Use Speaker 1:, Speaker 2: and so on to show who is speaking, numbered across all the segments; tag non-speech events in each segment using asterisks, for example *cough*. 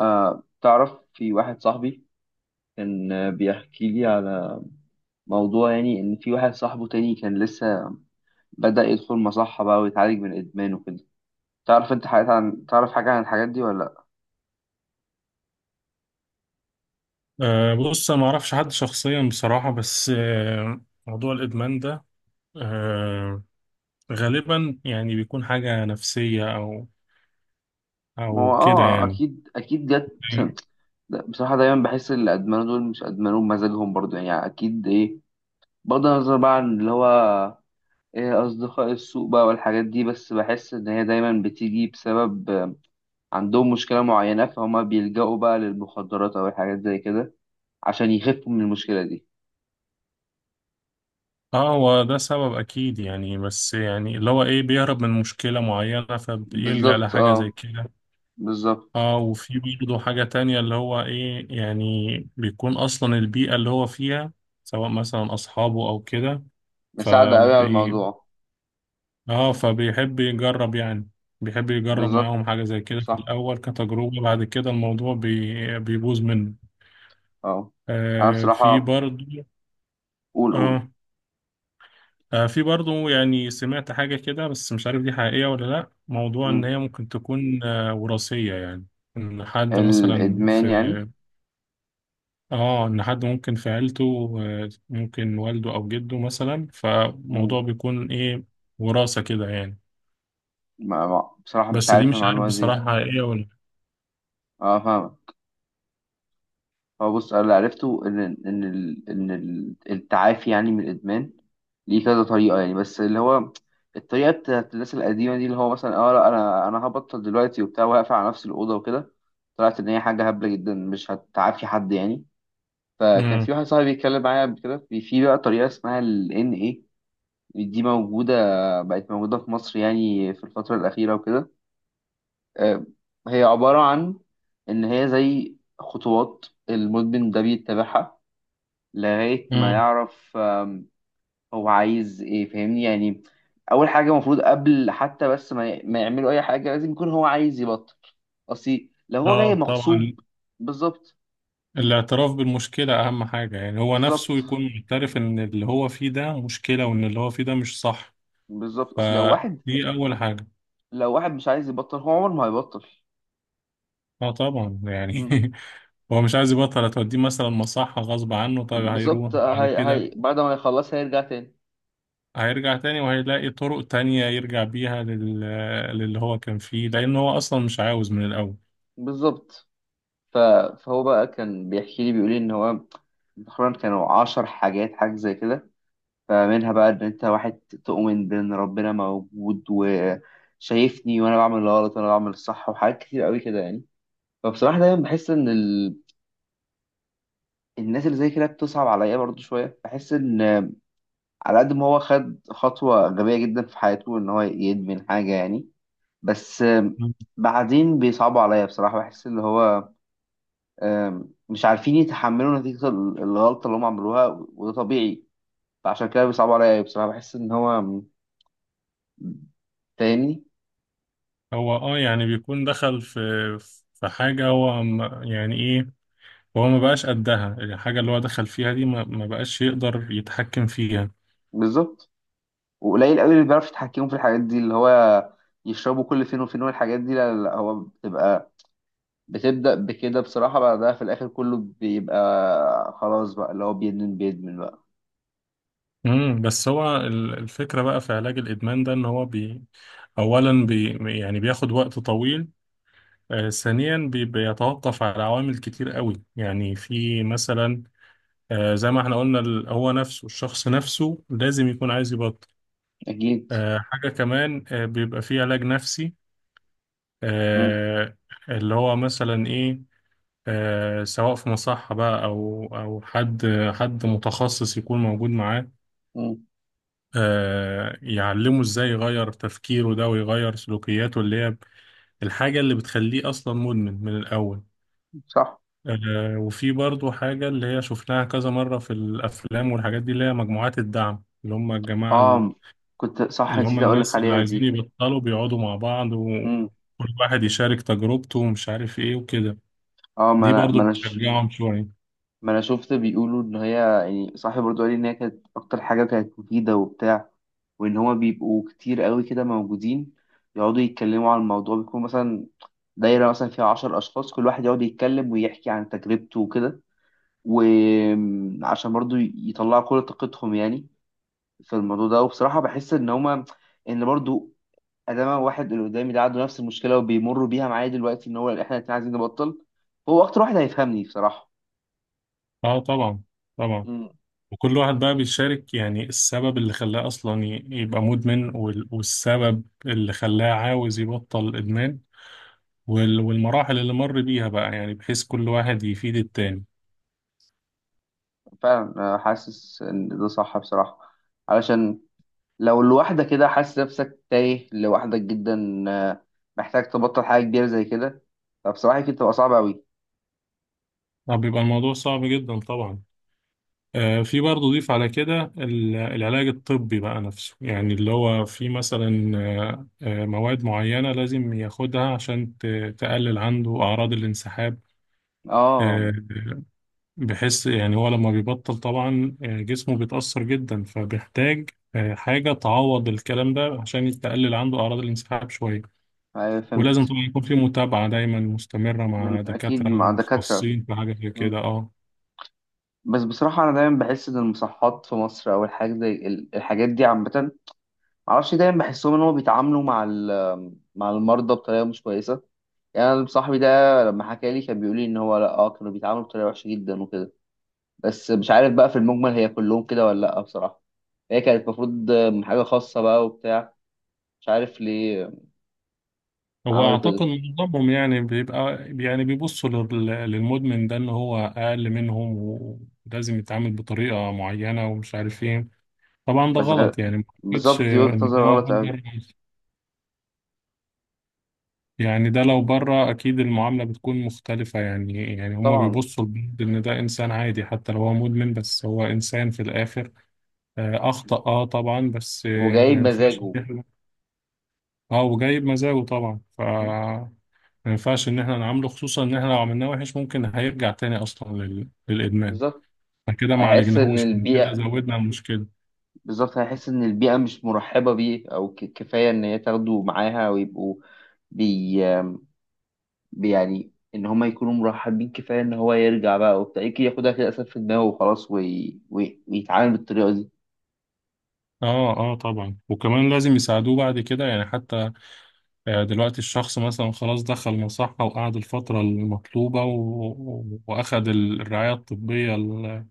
Speaker 1: تعرف في واحد صاحبي كان، بيحكي لي على موضوع، يعني إن في واحد صاحبه تاني كان لسه بدأ يدخل مصحة بقى ويتعالج من إدمان وكده. تعرف أنت حاجات عن تعرف حاجة عن الحاجات دي ولا لأ؟
Speaker 2: بص، أنا معرفش حد شخصيا بصراحة. بس موضوع الإدمان ده، أه غالبا يعني بيكون حاجة نفسية، أو
Speaker 1: ما هو
Speaker 2: أو كده يعني.
Speaker 1: أكيد أكيد جت. بصراحة دايما بحس إن اللي أدمنوا دول مش أدمنوا بمزاجهم برضو، يعني أكيد إيه بغض النظر بقى عن اللي هو إيه أصدقاء السوء بقى والحاجات دي، بس بحس إن هي دايما بتيجي بسبب عندهم مشكلة معينة، فهما بيلجأوا بقى للمخدرات أو الحاجات زي كده عشان يخفوا من المشكلة دي.
Speaker 2: اه، هو ده سبب أكيد يعني، بس يعني اللي هو إيه، بيهرب من مشكلة معينة فبيلجأ
Speaker 1: بالظبط،
Speaker 2: لحاجة زي
Speaker 1: اه،
Speaker 2: كده.
Speaker 1: بالظبط.
Speaker 2: اه، وفي برضه حاجة تانية اللي هو إيه يعني، بيكون أصلا البيئة اللي هو فيها، سواء مثلا أصحابه أو كده.
Speaker 1: مساعدة قوي على
Speaker 2: فبي
Speaker 1: الموضوع.
Speaker 2: اه فبيحب يجرب يعني، بيحب يجرب
Speaker 1: بالظبط،
Speaker 2: معاهم حاجة زي كده في
Speaker 1: صح،
Speaker 2: الأول كتجربة، بعد كده الموضوع بيبوظ منه.
Speaker 1: اه. انا
Speaker 2: آه في
Speaker 1: بصراحة،
Speaker 2: برضو
Speaker 1: قول قول.
Speaker 2: اه في برضو يعني سمعت حاجة كده، بس مش عارف دي حقيقية ولا لأ، موضوع إن
Speaker 1: مم.
Speaker 2: هي ممكن تكون وراثية يعني. إن حد مثلا
Speaker 1: الادمان يعني.
Speaker 2: في اه إن حد ممكن في عيلته، ممكن والده أو جده مثلا، فموضوع
Speaker 1: مم.
Speaker 2: بيكون إيه، وراثة كده يعني.
Speaker 1: بصراحة مش
Speaker 2: بس دي
Speaker 1: عارف
Speaker 2: مش عارف
Speaker 1: المعلومة دي.
Speaker 2: بصراحة حقيقية ولا
Speaker 1: اه، فاهمك. هو بص انا اللي عرفته التعافي يعني من الادمان ليه كذا طريقه، يعني بس اللي هو الطريقه بتاعت الناس القديمه دي اللي هو مثلا، اه لا، انا هبطل دلوقتي وبتاع وهقفل على نفس الاوضه وكده. طلعت ان هي حاجه هبله جدا، مش هتعافي حد يعني. فكان
Speaker 2: لأ.
Speaker 1: في واحد صاحبي بيتكلم معايا قبل كده في بقى طريقه اسمها ال NA. دي موجوده، بقت موجوده في مصر يعني في الفتره الاخيره وكده. آه، هي عباره عن ان هي زي خطوات المدمن ده بيتبعها لغاية ما
Speaker 2: مم.
Speaker 1: يعرف هو عايز ايه، فاهمني يعني. اول حاجة المفروض قبل حتى بس ما يعملوا اي حاجة لازم يكون هو عايز يبطل. اصل لو هو جاي
Speaker 2: اه طبعا،
Speaker 1: مغصوب. بالظبط.
Speaker 2: الاعتراف بالمشكلة أهم حاجة، يعني هو نفسه
Speaker 1: بالظبط.
Speaker 2: يكون معترف إن اللي هو فيه ده مشكلة، وإن اللي هو فيه ده مش صح.
Speaker 1: بالظبط. اصل لو واحد،
Speaker 2: فدي أول حاجة.
Speaker 1: لو واحد مش عايز يبطل هو عمره ما هيبطل.
Speaker 2: اه طبعا يعني
Speaker 1: مم.
Speaker 2: *laughs* هو مش عايز يبطل، هتوديه مثلا مصحة غصب عنه، طب هيروح
Speaker 1: بالظبط.
Speaker 2: بعد
Speaker 1: هي
Speaker 2: كده،
Speaker 1: بعد ما يخلص هيرجع تاني.
Speaker 2: هيرجع تاني وهيلاقي طرق تانية يرجع بيها للي هو كان فيه، لأن هو أصلا مش عاوز من الأول.
Speaker 1: بالظبط. ف- فهو بقى كان بيحكي لي بيقول لي ان هو تقريبا كانوا 10 حاجات، حاجة زي كده. فمنها بقى ان انت واحد تؤمن بان ربنا موجود وشايفني وانا بعمل الغلط وانا بعمل الصح، وحاجات كتير قوي كده يعني. فبصراحة دايما بحس ان الناس اللي زي كده بتصعب عليا برضو شوية، بحس ان على قد ما هو خد خطوة غبية جدا في حياته ان هو يدمن حاجة يعني. بس بعدين بيصعبوا عليا بصراحة، بحس اللي هو مش عارفين يتحملوا نتيجة الغلطة اللي هم عملوها، وده طبيعي. فعشان كده بيصعبوا عليا بصراحة، بحس ان هو تاني.
Speaker 2: هو يعني بيكون دخل في حاجة، هو يعني ايه، وهو ما بقاش قدها، الحاجة اللي هو دخل فيها دي ما بقاش يقدر يتحكم فيها.
Speaker 1: بالظبط. وقليل قوي اللي بيعرف يتحكموا في الحاجات دي، اللي هو يشربوا كل فين وفين والحاجات دي. لا لا لا، هو بتبدأ بكده بصراحة، بعدها في الآخر كله بيبقى خلاص بقى، اللي هو بيدمن بيدمن بقى.
Speaker 2: بس هو الفكرة بقى في علاج الإدمان ده، إن هو أولا يعني بياخد وقت طويل. ثانيا، بيتوقف على عوامل كتير قوي، يعني في مثلا، زي ما احنا قلنا، هو نفسه، الشخص نفسه لازم يكون عايز يبطل.
Speaker 1: أكيد.
Speaker 2: حاجة كمان، بيبقى فيه علاج نفسي،
Speaker 1: مم.
Speaker 2: آه اللي هو مثلا إيه، سواء في مصحة بقى، أو حد متخصص يكون موجود معاه.
Speaker 1: مم.
Speaker 2: يعلمه إزاي يغير تفكيره ده، ويغير سلوكياته اللي هي الحاجة اللي بتخليه أصلا مدمن من الأول.
Speaker 1: صح.
Speaker 2: وفي برضو حاجة اللي هي شفناها كذا مرة في الأفلام والحاجات دي، اللي هي مجموعات الدعم، اللي هم الجماعة
Speaker 1: آه، كنت صح،
Speaker 2: اللي هم
Speaker 1: نسيت أقول لك
Speaker 2: الناس اللي
Speaker 1: عليها
Speaker 2: عايزين
Speaker 1: دي.
Speaker 2: يبطلوا، بيقعدوا مع بعض
Speaker 1: مم.
Speaker 2: وكل واحد يشارك تجربته ومش عارف إيه وكده.
Speaker 1: آه ما
Speaker 2: دي
Speaker 1: أنا
Speaker 2: برضو
Speaker 1: ما أنا ش...
Speaker 2: بتشجعهم شوية.
Speaker 1: ما أنا شفت بيقولوا إن هي، يعني صاحبي برضه قال لي إن هي كانت أكتر حاجة كانت مفيدة وبتاع، وان هما بيبقوا كتير قوي كده موجودين يقعدوا يتكلموا عن الموضوع. بيكون مثلا دايرة مثلا فيها 10 أشخاص، كل واحد يقعد يتكلم ويحكي عن تجربته وكده، وعشان برضو يطلعوا كل طاقتهم يعني في الموضوع ده. وبصراحة بحس إن هما إن برضو أدام واحد، اللي قدامي ده عنده نفس المشكلة وبيمر بيها معايا دلوقتي، إن هو إحنا الاتنين عايزين نبطل، هو أكتر واحد هيفهمني بصراحة.
Speaker 2: اه طبعا، طبعا.
Speaker 1: مم.
Speaker 2: وكل واحد بقى بيشارك يعني السبب اللي خلاه أصلا يبقى مدمن، والسبب اللي خلاه عاوز يبطل الإدمان، والمراحل اللي مر بيها بقى، يعني بحيث كل واحد يفيد التاني.
Speaker 1: فعلا أنا حاسس إن ده صح بصراحة، علشان لو لوحدك كده حاسس نفسك تايه لوحدك جدا، محتاج تبطل حاجة كبيرة زي كده، فبصراحة كده بتبقى صعبة أوي.
Speaker 2: طب بيبقى الموضوع صعب جدا طبعا. في برضه ضيف على كده العلاج الطبي بقى نفسه، يعني اللي هو في مثلا مواد معينة لازم ياخدها عشان تقلل عنده أعراض الانسحاب.
Speaker 1: اه.
Speaker 2: آه، بحيث يعني هو لما بيبطل طبعا، جسمه بيتأثر جدا، فبيحتاج حاجة تعوض الكلام ده عشان تقلل عنده أعراض الانسحاب شوية.
Speaker 1: أيوة،
Speaker 2: ولازم
Speaker 1: فهمت.
Speaker 2: طبعا يكون في متابعة دايما مستمرة
Speaker 1: من
Speaker 2: مع
Speaker 1: أكيد
Speaker 2: دكاترة
Speaker 1: مع دكاترة.
Speaker 2: متخصصين في حاجة زي
Speaker 1: مم.
Speaker 2: كده. اه،
Speaker 1: بس بصراحة أنا دايما بحس إن المصحات في مصر أو الحاجات زي الحاجات دي عامة، معرفش، دايما بحسهم إن هما بيتعاملوا مع مع المرضى بطريقة مش كويسة. يعني أنا صاحبي ده لما حكى لي كان بيقول لي إن هو لأ، آه، كانوا بيتعاملوا بطريقة وحشة جدا وكده. بس مش عارف بقى في المجمل هي كلهم كده ولا لأ بصراحة، هي كانت المفروض من حاجة خاصة بقى وبتاع. مش عارف ليه
Speaker 2: هو
Speaker 1: عملوا كده.
Speaker 2: أعتقد معظمهم يعني بيبقى، يعني بيبصوا للمدمن ده إن هو أقل منهم، ولازم يتعامل بطريقة معينة ومش عارف إيه. طبعا ده
Speaker 1: بس غ...
Speaker 2: غلط يعني، ما أعتقدش
Speaker 1: بالظبط، دي وجهة
Speaker 2: إن ده
Speaker 1: نظر غلط
Speaker 2: موجود
Speaker 1: أوي.
Speaker 2: بره، يعني ده لو بره أكيد المعاملة بتكون مختلفة، يعني هما
Speaker 1: طبعا.
Speaker 2: بيبصوا لبعض إن ده إنسان عادي، حتى لو هو مدمن، بس هو إنسان في الآخر. أخطأ طبعا، بس
Speaker 1: وجاي
Speaker 2: ما ينفعش إن
Speaker 1: بمزاجه.
Speaker 2: إحنا، وجايب مزاجه طبعا،
Speaker 1: م?
Speaker 2: ما ينفعش إن إحنا نعامله، خصوصا إن إحنا لو عملناه وحش ممكن هيرجع تاني أصلا للإدمان،
Speaker 1: بالظبط،
Speaker 2: فكده ما
Speaker 1: هيحس إن
Speaker 2: عالجناهوش، كده
Speaker 1: البيئة.
Speaker 2: زودنا المشكلة.
Speaker 1: بالظبط، هيحس إن البيئة مش مرحبة بيه، أو كفاية إن هي تاخده معاها ويبقوا بي... بي يعني، إن هما يكونوا مرحبين، كفاية إن هو يرجع بقى وبتاع، يمكن ياخدها كده أسف في دماغه وخلاص ويتعامل بالطريقة
Speaker 2: اه، اه طبعا، وكمان لازم يساعدوه بعد كده يعني، حتى دلوقتي الشخص مثلا خلاص دخل مصحة وقعد الفترة المطلوبة وأخد الرعاية الطبية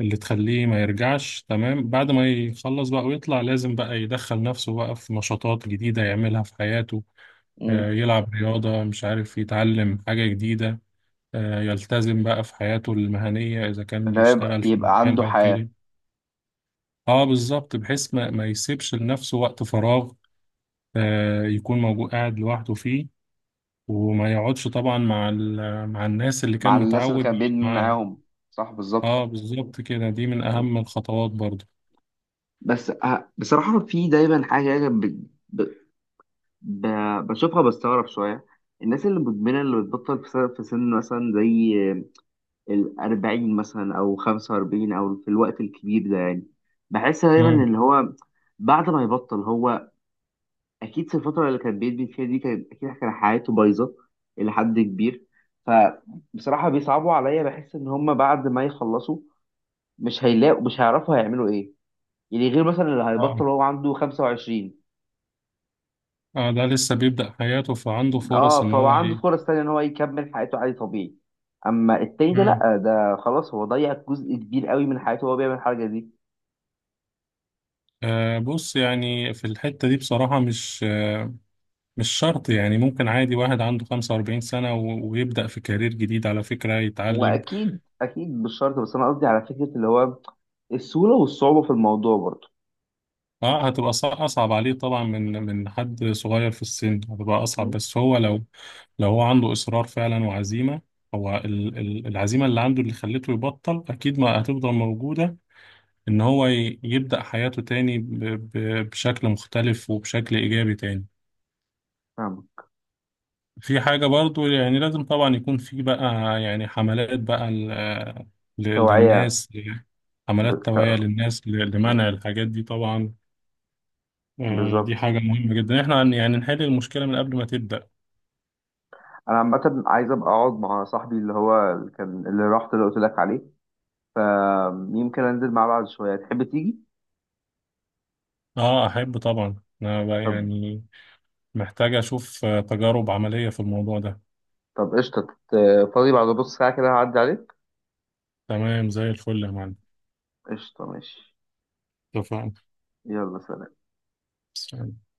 Speaker 2: اللي تخليه ما يرجعش. تمام، بعد ما يخلص بقى ويطلع، لازم بقى يدخل نفسه بقى في نشاطات جديدة يعملها في حياته.
Speaker 1: دي.
Speaker 2: يلعب رياضة، مش عارف، يتعلم حاجة جديدة، يلتزم بقى في حياته المهنية إذا كان
Speaker 1: ان هو
Speaker 2: بيشتغل في
Speaker 1: يبقى
Speaker 2: مكان
Speaker 1: عنده
Speaker 2: أو
Speaker 1: حياة.
Speaker 2: كده. اه بالظبط، بحيث ما يسيبش لنفسه وقت فراغ، يكون موجود قاعد لوحده فيه، وما يقعدش طبعا مع مع الناس اللي
Speaker 1: مع
Speaker 2: كان
Speaker 1: الناس اللي
Speaker 2: متعود
Speaker 1: كان
Speaker 2: يقعد
Speaker 1: بيدمن
Speaker 2: معاهم.
Speaker 1: معاهم. صح، بالظبط.
Speaker 2: اه بالظبط كده، دي من اهم الخطوات برضو.
Speaker 1: بس بصراحة في دايما حاجة كده ب... بشوفها بستغرب شوية. الناس اللي مدمنة اللي بتبطل في سن مثلا زي الأربعين مثلا، أو 45، أو في الوقت الكبير ده يعني. بحس دايما
Speaker 2: امم.
Speaker 1: اللي هو بعد ما يبطل هو اكيد في الفتره اللي كان بيدبي فيها دي، كان اكيد كان حياته بايظه الى حد كبير. فبصراحه بيصعبوا عليا، بحس ان هم بعد ما يخلصوا مش هيلاقوا، مش هيعرفوا هيعملوا ايه. يعني غير مثلا اللي
Speaker 2: اه،
Speaker 1: هيبطل هو عنده 25.
Speaker 2: اه، ده لسه بيبدأ حياته، فعنده فرص
Speaker 1: اه،
Speaker 2: ان
Speaker 1: فهو
Speaker 2: هو
Speaker 1: عنده
Speaker 2: ايه.
Speaker 1: فرص تانية ان هو يكمل حياته عادي طبيعي. اما التاني ده
Speaker 2: امم.
Speaker 1: لا، ده خلاص هو ضيع جزء كبير قوي من حياته وهو بيعمل الحاجه دي.
Speaker 2: بص يعني في الحتة دي بصراحة، مش شرط، يعني ممكن عادي واحد عنده 45 سنة ويبدأ في كارير جديد على فكرة،
Speaker 1: هو
Speaker 2: يتعلم.
Speaker 1: اكيد اكيد مش شرط، بس انا قصدي على فكره اللي هو السهوله والصعوبه في الموضوع برضه.
Speaker 2: اه، هتبقى اصعب عليه طبعا من حد صغير في السن، هتبقى اصعب،
Speaker 1: م?
Speaker 2: بس هو لو، لو هو عنده اصرار فعلا وعزيمه، هو العزيمه اللي عنده اللي خلته يبطل اكيد ما هتفضل موجوده، ان هو يبدا حياته تاني بشكل مختلف وبشكل ايجابي تاني.
Speaker 1: فاهمة.
Speaker 2: في حاجه برضو، يعني لازم طبعا يكون في بقى يعني حملات بقى
Speaker 1: توعيه.
Speaker 2: للناس، حملات
Speaker 1: بالت...
Speaker 2: توعيه للناس لمنع الحاجات دي طبعا. دي
Speaker 1: بالظبط.
Speaker 2: حاجة مهمة جدا، احنا يعني نحل المشكلة من قبل ما تبدأ.
Speaker 1: انا عامه عايز ابقى اقعد مع صاحبي اللي هو اللي كان اللي رحت اللي قلت لك عليه، فيمكن انزل معاه بعد شويه، تحب تيجي؟
Speaker 2: اه، احب طبعا. انا بقى
Speaker 1: طب.
Speaker 2: يعني محتاج اشوف تجارب عملية في الموضوع ده.
Speaker 1: طب قشطه. ت- فاضي بعد نص ساعه كده هعدي عليك.
Speaker 2: تمام زي الفل يا معلم.
Speaker 1: قشطه، ماشي. يلا سلام.
Speaker 2: اتفقنا.